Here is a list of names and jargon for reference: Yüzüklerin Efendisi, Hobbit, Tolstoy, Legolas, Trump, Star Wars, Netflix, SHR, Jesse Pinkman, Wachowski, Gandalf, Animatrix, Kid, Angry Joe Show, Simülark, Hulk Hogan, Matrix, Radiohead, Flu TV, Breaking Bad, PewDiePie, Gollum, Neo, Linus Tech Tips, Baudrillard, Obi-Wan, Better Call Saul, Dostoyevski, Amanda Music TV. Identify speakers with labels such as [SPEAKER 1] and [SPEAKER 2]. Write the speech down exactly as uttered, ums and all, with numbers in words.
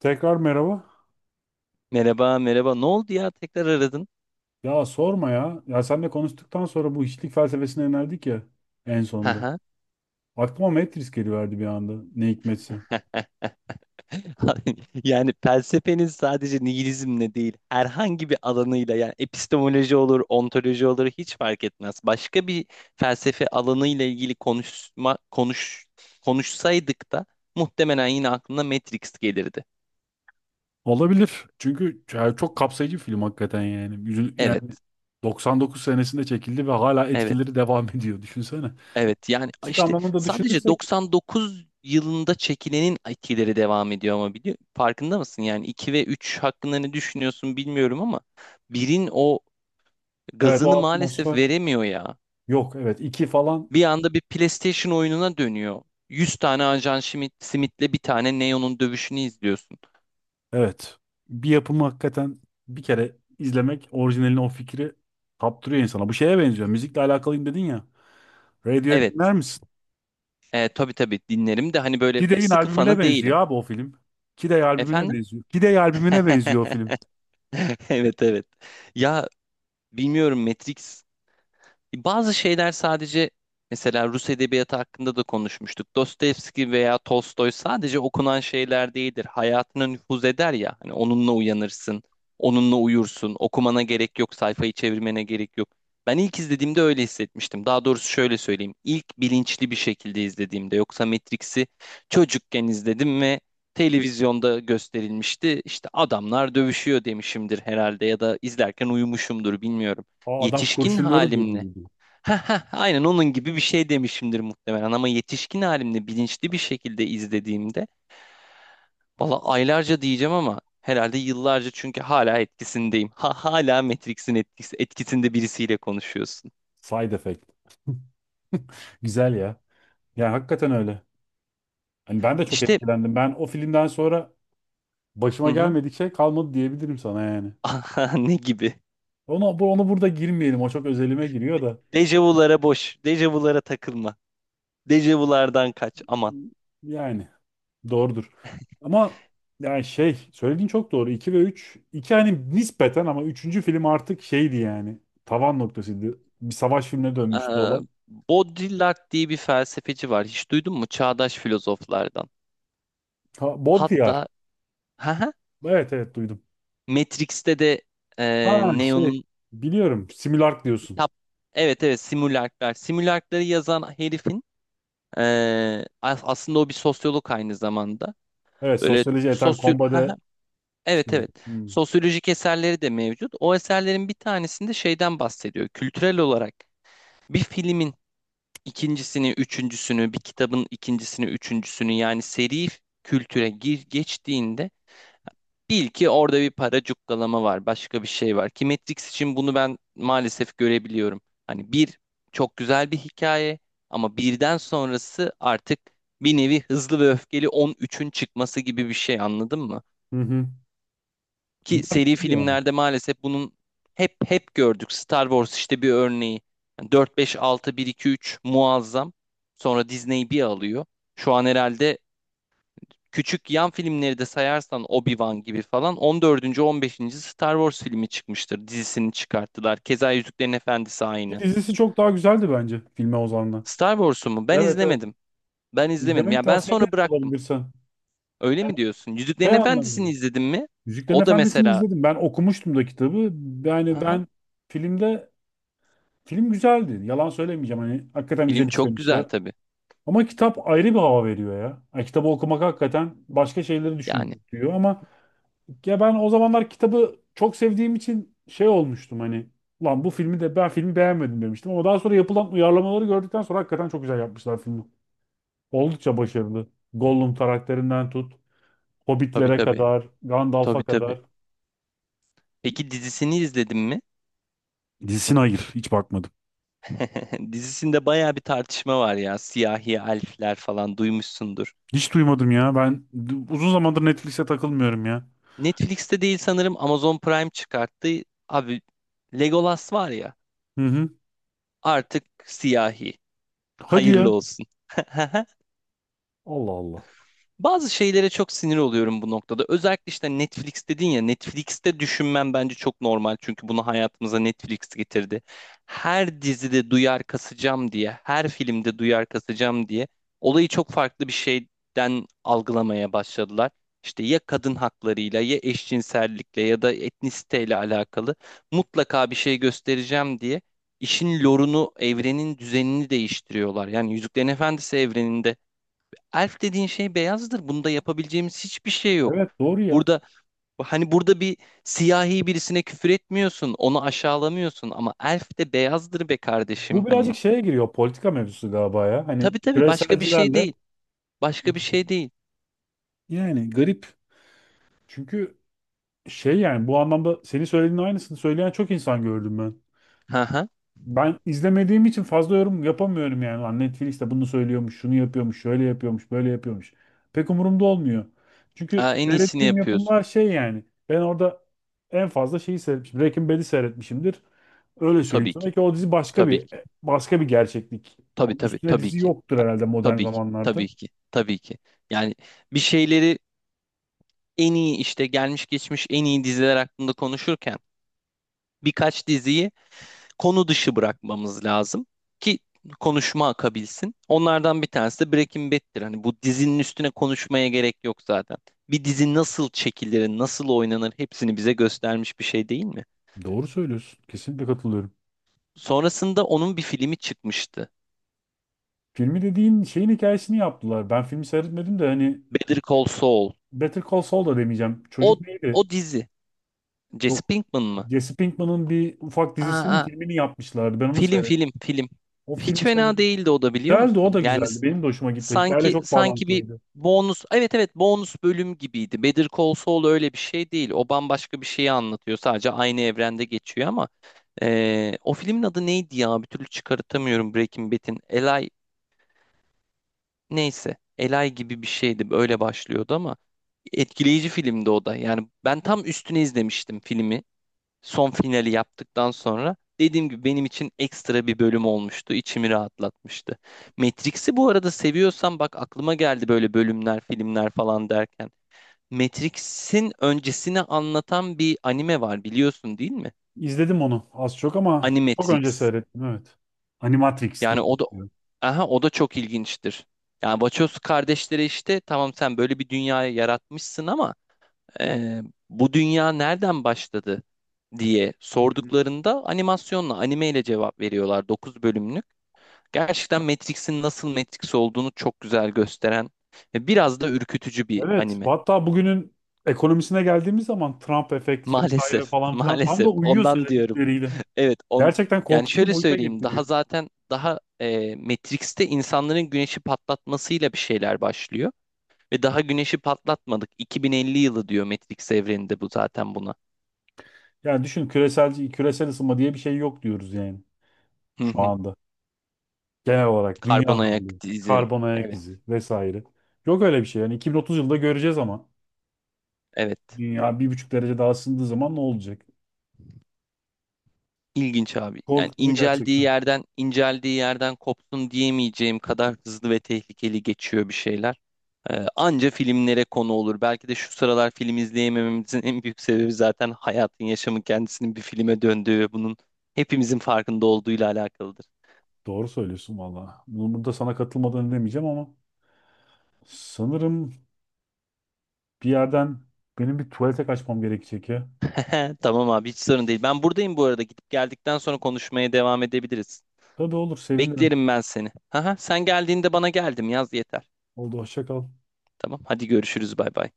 [SPEAKER 1] Tekrar merhaba.
[SPEAKER 2] Merhaba, merhaba. Ne oldu ya? Tekrar aradın.
[SPEAKER 1] Ya sorma ya. Ya seninle konuştuktan sonra bu hiçlik felsefesine yöneldik ya en sonunda.
[SPEAKER 2] Haha.
[SPEAKER 1] Aklıma Matrix geliverdi bir anda. Ne hikmetse.
[SPEAKER 2] Yani felsefeniz sadece nihilizmle değil, herhangi bir alanıyla, yani epistemoloji olur, ontoloji olur, hiç fark etmez. Başka bir felsefe alanıyla ilgili konuşma konuş konuşsaydık da muhtemelen yine aklına Matrix gelirdi.
[SPEAKER 1] Olabilir. Çünkü ya çok kapsayıcı bir film hakikaten yani. Yüzü-
[SPEAKER 2] Evet.
[SPEAKER 1] Yani doksan dokuz senesinde çekildi ve hala
[SPEAKER 2] Evet.
[SPEAKER 1] etkileri devam ediyor. Düşünsene.
[SPEAKER 2] Evet, yani
[SPEAKER 1] Müzik
[SPEAKER 2] işte
[SPEAKER 1] anlamında
[SPEAKER 2] sadece
[SPEAKER 1] düşünürsek
[SPEAKER 2] doksan dokuz yılında çekilenin etkileri devam ediyor ama biliyor, farkında mısın? Yani iki ve üç hakkında ne düşünüyorsun bilmiyorum ama birin o
[SPEAKER 1] evet,
[SPEAKER 2] gazını
[SPEAKER 1] o
[SPEAKER 2] maalesef
[SPEAKER 1] atmosfer
[SPEAKER 2] veremiyor ya.
[SPEAKER 1] yok. Evet, iki falan.
[SPEAKER 2] Bir anda bir PlayStation oyununa dönüyor. yüz tane Ajan Schmidt, Smith'le bir tane Neo'nun dövüşünü izliyorsun.
[SPEAKER 1] Evet. Bir yapımı hakikaten bir kere izlemek orijinalini o fikri kaptırıyor insana. Bu şeye benziyor. Müzikle alakalıyım dedin ya. Radiohead dinler
[SPEAKER 2] Evet.
[SPEAKER 1] misin?
[SPEAKER 2] E, tabii tabii, dinlerim de hani böyle
[SPEAKER 1] Kid
[SPEAKER 2] sıkı
[SPEAKER 1] albümüne
[SPEAKER 2] fanı
[SPEAKER 1] benziyor
[SPEAKER 2] değilim.
[SPEAKER 1] abi o film. Kid albümüne
[SPEAKER 2] Efendim?
[SPEAKER 1] benziyor. Kid albümüne benziyor o film.
[SPEAKER 2] Evet evet. Ya, bilmiyorum. Matrix... Bazı şeyler sadece, mesela Rus edebiyatı hakkında da konuşmuştuk. Dostoyevski veya Tolstoy sadece okunan şeyler değildir. Hayatına nüfuz eder ya. Hani onunla uyanırsın, onunla uyursun. Okumana gerek yok, sayfayı çevirmene gerek yok. Ben ilk izlediğimde öyle hissetmiştim. Daha doğrusu şöyle söyleyeyim: İlk bilinçli bir şekilde izlediğimde. Yoksa Matrix'i çocukken izledim ve televizyonda gösterilmişti. İşte adamlar dövüşüyor demişimdir herhalde ya da izlerken uyumuşumdur, bilmiyorum,
[SPEAKER 1] Aa, adam
[SPEAKER 2] yetişkin
[SPEAKER 1] kurşunları
[SPEAKER 2] halimle
[SPEAKER 1] durdurdu.
[SPEAKER 2] Heh, heh, aynen onun gibi bir şey demişimdir muhtemelen, ama yetişkin halimde bilinçli bir şekilde izlediğimde, valla, aylarca diyeceğim ama herhalde yıllarca, çünkü hala etkisindeyim. Ha, hala Matrix'in etkisi, etkisinde birisiyle konuşuyorsun.
[SPEAKER 1] Side effect. Güzel ya. Yani hakikaten öyle. Hani ben de çok
[SPEAKER 2] İşte,
[SPEAKER 1] etkilendim. Ben o filmden sonra
[SPEAKER 2] hı
[SPEAKER 1] başıma
[SPEAKER 2] hı.
[SPEAKER 1] gelmedik şey kalmadı diyebilirim sana yani.
[SPEAKER 2] Aha, ne gibi?
[SPEAKER 1] Onu, bu- onu burada girmeyelim. O çok özelime giriyor da.
[SPEAKER 2] Dejavulara boş, dejavulara takılma. Dejavulardan kaç aman.
[SPEAKER 1] Yani. Doğrudur. Ama yani şey söylediğin çok doğru. iki ve üç iki hani nispeten ama üçüncü film artık şeydi yani. Tavan noktasıydı. Bir savaş filmine dönmüştü
[SPEAKER 2] Ee,
[SPEAKER 1] olay.
[SPEAKER 2] Baudrillard diye bir felsefeci var. Hiç duydun mu? Çağdaş filozoflardan.
[SPEAKER 1] Ha, Baudrillard.
[SPEAKER 2] Hatta ha,
[SPEAKER 1] Evet evet duydum.
[SPEAKER 2] Matrix'te de e,
[SPEAKER 1] Ha şey,
[SPEAKER 2] Neo'nun...
[SPEAKER 1] biliyorum. Simülark diyorsun.
[SPEAKER 2] Kitap. Evet evet, simülaklar. Simülakları yazan herifin eee, as- aslında o bir sosyolog aynı zamanda.
[SPEAKER 1] Evet,
[SPEAKER 2] Böyle
[SPEAKER 1] sosyoloji eten
[SPEAKER 2] sosyo
[SPEAKER 1] kombade
[SPEAKER 2] Haha, evet
[SPEAKER 1] şey.
[SPEAKER 2] evet,
[SPEAKER 1] Hmm.
[SPEAKER 2] sosyolojik eserleri de mevcut. O eserlerin bir tanesinde şeyden bahsediyor. Kültürel olarak bir filmin ikincisini, üçüncüsünü, bir kitabın ikincisini, üçüncüsünü, yani seri kültüre gir geçtiğinde, bil ki orada bir para cukkalama var, başka bir şey var. Ki Matrix için bunu ben maalesef görebiliyorum. Hani, bir çok güzel bir hikaye ama birden sonrası artık bir nevi hızlı ve öfkeli on üçün çıkması gibi bir şey, anladın mı?
[SPEAKER 1] Hı hı.
[SPEAKER 2] Ki
[SPEAKER 1] Bunlar
[SPEAKER 2] seri
[SPEAKER 1] gidiyor ama.
[SPEAKER 2] filmlerde maalesef bunun hep hep gördük. Star Wars işte bir örneği. Yani dört, beş, altı, bir, iki, üç muazzam. Sonra Disney bir alıyor. Şu an herhalde küçük yan filmleri de sayarsan, Obi-Wan gibi falan, on dördüncü, on beşinci Star Wars filmi çıkmıştır. Dizisini çıkarttılar. Keza Yüzüklerin Efendisi
[SPEAKER 1] Ki
[SPEAKER 2] aynı.
[SPEAKER 1] dizisi çok daha güzeldi bence filme oranla.
[SPEAKER 2] Star Wars'u mu? Ben
[SPEAKER 1] Evet evet.
[SPEAKER 2] izlemedim. Ben izlemedim.
[SPEAKER 1] İzlemeni
[SPEAKER 2] Ya, ben
[SPEAKER 1] tavsiye
[SPEAKER 2] sonra
[SPEAKER 1] ederim
[SPEAKER 2] bıraktım.
[SPEAKER 1] bulabilirsen.
[SPEAKER 2] Öyle mi diyorsun? Yüzüklerin
[SPEAKER 1] Şey anlamında.
[SPEAKER 2] Efendisi'ni izledin mi?
[SPEAKER 1] Yüzüklerin
[SPEAKER 2] O da
[SPEAKER 1] Efendisi'ni
[SPEAKER 2] mesela...
[SPEAKER 1] izledim. Ben okumuştum da kitabı. Yani
[SPEAKER 2] Aha,
[SPEAKER 1] ben filmde, film güzeldi. Yalan söylemeyeceğim. Hani hakikaten güzel
[SPEAKER 2] film çok güzel
[SPEAKER 1] işlemişler.
[SPEAKER 2] tabii.
[SPEAKER 1] Ama kitap ayrı bir hava veriyor ya. Yani kitabı okumak hakikaten başka şeyleri
[SPEAKER 2] Yani...
[SPEAKER 1] düşündürtüyor ama ya ben o zamanlar kitabı çok sevdiğim için şey olmuştum, hani lan bu filmi de, ben filmi beğenmedim demiştim ama daha sonra yapılan uyarlamaları gördükten sonra hakikaten çok güzel yapmışlar filmi. Oldukça başarılı. Gollum karakterinden tut,
[SPEAKER 2] Tabii
[SPEAKER 1] Hobbitlere
[SPEAKER 2] tabii.
[SPEAKER 1] kadar, Gandalf'a
[SPEAKER 2] Tabii tabii.
[SPEAKER 1] kadar.
[SPEAKER 2] Peki dizisini izledin mi?
[SPEAKER 1] Dizisine hayır, hiç bakmadım.
[SPEAKER 2] Dizisinde bayağı bir tartışma var ya. Siyahi elfler falan duymuşsundur.
[SPEAKER 1] Hiç duymadım ya. Ben uzun zamandır Netflix'e takılmıyorum ya.
[SPEAKER 2] Netflix'te değil sanırım, Amazon Prime çıkarttı. Abi, Legolas var ya,
[SPEAKER 1] Hı hı.
[SPEAKER 2] artık siyahi.
[SPEAKER 1] Hadi
[SPEAKER 2] Hayırlı
[SPEAKER 1] ya.
[SPEAKER 2] olsun.
[SPEAKER 1] Allah Allah.
[SPEAKER 2] Bazı şeylere çok sinir oluyorum bu noktada. Özellikle işte Netflix dedin ya, Netflix'te düşünmem bence çok normal. Çünkü bunu hayatımıza Netflix getirdi. Her dizide duyar kasacağım diye, her filmde duyar kasacağım diye, olayı çok farklı bir şeyden algılamaya başladılar. İşte ya kadın haklarıyla, ya eşcinsellikle, ya da etnisiteyle alakalı mutlaka bir şey göstereceğim diye işin lorunu, evrenin düzenini değiştiriyorlar. Yani Yüzüklerin Efendisi evreninde elf dediğin şey beyazdır. Bunda yapabileceğimiz hiçbir şey yok.
[SPEAKER 1] Evet, doğru ya.
[SPEAKER 2] Burada, hani burada bir siyahi birisine küfür etmiyorsun, onu aşağılamıyorsun ama elf de beyazdır be kardeşim,
[SPEAKER 1] Bu
[SPEAKER 2] hani.
[SPEAKER 1] birazcık şeye giriyor. Politika mevzusu galiba ya. Hani
[SPEAKER 2] Tabii tabii, başka bir şey
[SPEAKER 1] küreselcilerle
[SPEAKER 2] değil. Başka bir şey değil.
[SPEAKER 1] yani garip. Çünkü şey yani, bu anlamda senin söylediğin aynısını söyleyen çok insan gördüm ben.
[SPEAKER 2] Hı hı.
[SPEAKER 1] Ben izlemediğim için fazla yorum yapamıyorum yani. Lan Netflix de bunu söylüyormuş, şunu yapıyormuş, şöyle yapıyormuş, böyle yapıyormuş. Pek umurumda olmuyor. Çünkü
[SPEAKER 2] Aa, en iyisini
[SPEAKER 1] seyrettiğim yapımlar
[SPEAKER 2] yapıyorsun.
[SPEAKER 1] şey yani. Ben orada en fazla şeyi seyretmişim. Breaking Bad'i seyretmişimdir. Öyle söyleyeyim
[SPEAKER 2] Tabii ki.
[SPEAKER 1] sana ki o dizi başka
[SPEAKER 2] Tabii
[SPEAKER 1] bir
[SPEAKER 2] ki.
[SPEAKER 1] başka bir gerçeklik.
[SPEAKER 2] Tabii
[SPEAKER 1] Onun
[SPEAKER 2] tabii
[SPEAKER 1] üstüne
[SPEAKER 2] tabii
[SPEAKER 1] dizi
[SPEAKER 2] ki.
[SPEAKER 1] yoktur herhalde modern
[SPEAKER 2] Tabii ki.
[SPEAKER 1] zamanlarda.
[SPEAKER 2] Tabii ki. Tabii ki. Yani bir şeyleri, en iyi, işte gelmiş geçmiş en iyi diziler hakkında konuşurken, birkaç diziyi konu dışı bırakmamız lazım ki konuşma akabilsin. Onlardan bir tanesi de Breaking Bad'tir. Hani bu dizinin üstüne konuşmaya gerek yok zaten. Bir dizi nasıl çekilir, nasıl oynanır, hepsini bize göstermiş bir şey, değil mi?
[SPEAKER 1] Doğru söylüyorsun. Kesinlikle katılıyorum.
[SPEAKER 2] Sonrasında onun bir filmi çıkmıştı.
[SPEAKER 1] Filmi dediğin şeyin hikayesini yaptılar. Ben filmi seyretmedim de hani
[SPEAKER 2] Better Call Saul.
[SPEAKER 1] Better Call Saul da demeyeceğim.
[SPEAKER 2] O
[SPEAKER 1] Çocuk neydi?
[SPEAKER 2] o dizi. Jesse Pinkman mı?
[SPEAKER 1] Jesse Pinkman'ın bir ufak
[SPEAKER 2] Aa,
[SPEAKER 1] dizisinin
[SPEAKER 2] aa,
[SPEAKER 1] filmini yapmışlardı. Ben onu
[SPEAKER 2] film
[SPEAKER 1] seyrettim.
[SPEAKER 2] film film.
[SPEAKER 1] O
[SPEAKER 2] Hiç
[SPEAKER 1] filmi
[SPEAKER 2] fena
[SPEAKER 1] seyrettim.
[SPEAKER 2] değildi o da, biliyor
[SPEAKER 1] Güzeldi, o
[SPEAKER 2] musun?
[SPEAKER 1] da
[SPEAKER 2] Yani,
[SPEAKER 1] güzeldi.
[SPEAKER 2] s-
[SPEAKER 1] Benim de hoşuma gitti. Hikayeyle
[SPEAKER 2] Sanki
[SPEAKER 1] çok
[SPEAKER 2] sanki bir
[SPEAKER 1] bağlantılıydı.
[SPEAKER 2] bonus, evet evet, bonus bölüm gibiydi. Better Call Saul öyle bir şey değil. O bambaşka bir şeyi anlatıyor. Sadece aynı evrende geçiyor ama eee, o filmin adı neydi ya? Bir türlü çıkartamıyorum Breaking Bad'in. Eli... neyse. Eli gibi bir şeydi. Öyle başlıyordu ama etkileyici filmdi o da. Yani ben tam üstüne izlemiştim filmi, son finali yaptıktan sonra, dediğim gibi benim için ekstra bir bölüm olmuştu. İçimi rahatlatmıştı. Matrix'i bu arada seviyorsan, bak aklıma geldi, böyle bölümler, filmler falan derken, Matrix'in öncesini anlatan bir anime var, biliyorsun değil mi?
[SPEAKER 1] İzledim onu az çok ama çok önce
[SPEAKER 2] Animatrix.
[SPEAKER 1] seyrettim, evet. Animatrix diye
[SPEAKER 2] Yani o da,
[SPEAKER 1] geçiyor.
[SPEAKER 2] aha, o da çok ilginçtir. Yani Wachowski kardeşleri, işte tamam, sen böyle bir dünyayı yaratmışsın ama, e, bu dünya nereden başladı diye
[SPEAKER 1] Hı hı.
[SPEAKER 2] sorduklarında animasyonla, animeyle cevap veriyorlar. Dokuz bölümlük. Gerçekten Matrix'in nasıl Matrix olduğunu çok güzel gösteren ve biraz da ürkütücü bir
[SPEAKER 1] Evet,
[SPEAKER 2] anime.
[SPEAKER 1] hatta bugünün ekonomisine geldiğimiz zaman Trump efekt vesaire
[SPEAKER 2] Maalesef,
[SPEAKER 1] falan filan tam da
[SPEAKER 2] maalesef.
[SPEAKER 1] uyuyor
[SPEAKER 2] Ondan diyorum.
[SPEAKER 1] söyledikleriyle.
[SPEAKER 2] Evet, on,
[SPEAKER 1] Gerçekten
[SPEAKER 2] yani
[SPEAKER 1] korkutucu
[SPEAKER 2] şöyle
[SPEAKER 1] boyuta
[SPEAKER 2] söyleyeyim,
[SPEAKER 1] getiriyor.
[SPEAKER 2] daha zaten daha e, Matrix'te insanların güneşi patlatmasıyla bir şeyler başlıyor ve daha güneşi patlatmadık, iki bin elli yılı diyor Matrix evreninde bu zaten, buna.
[SPEAKER 1] Yani düşün, küresel küresel ısınma diye bir şey yok diyoruz yani şu anda. Genel olarak
[SPEAKER 2] Karbon
[SPEAKER 1] dünya
[SPEAKER 2] ayak
[SPEAKER 1] hali,
[SPEAKER 2] izi.
[SPEAKER 1] karbon ayak
[SPEAKER 2] Evet,
[SPEAKER 1] izi vesaire. Yok öyle bir şey. Yani iki bin otuz yılında göreceğiz ama
[SPEAKER 2] evet.
[SPEAKER 1] dünya bir buçuk derece daha ısındığı zaman ne olacak?
[SPEAKER 2] İlginç abi. Yani
[SPEAKER 1] Korkutucu
[SPEAKER 2] inceldiği
[SPEAKER 1] gerçekten.
[SPEAKER 2] yerden, inceldiği yerden kopsun diyemeyeceğim kadar hızlı ve tehlikeli geçiyor bir şeyler. Ee, anca filmlere konu olur. Belki de şu sıralar film izleyemememizin en büyük sebebi, zaten hayatın, yaşamın kendisinin bir filme döndüğü ve bunun hepimizin farkında olduğuyla alakalıdır.
[SPEAKER 1] Doğru söylüyorsun valla. Bunu burada sana katılmadan demeyeceğim ama sanırım bir yerden benim bir tuvalete kaçmam gerekecek ya.
[SPEAKER 2] Tamam abi, hiç sorun değil. Ben buradayım bu arada. Gidip geldikten sonra konuşmaya devam edebiliriz.
[SPEAKER 1] Tabii olur, sevinirim.
[SPEAKER 2] Beklerim ben seni. Haha, sen geldiğinde "bana geldim" yaz yeter.
[SPEAKER 1] Oldu, hoşça kal.
[SPEAKER 2] Tamam, hadi görüşürüz, bay bay.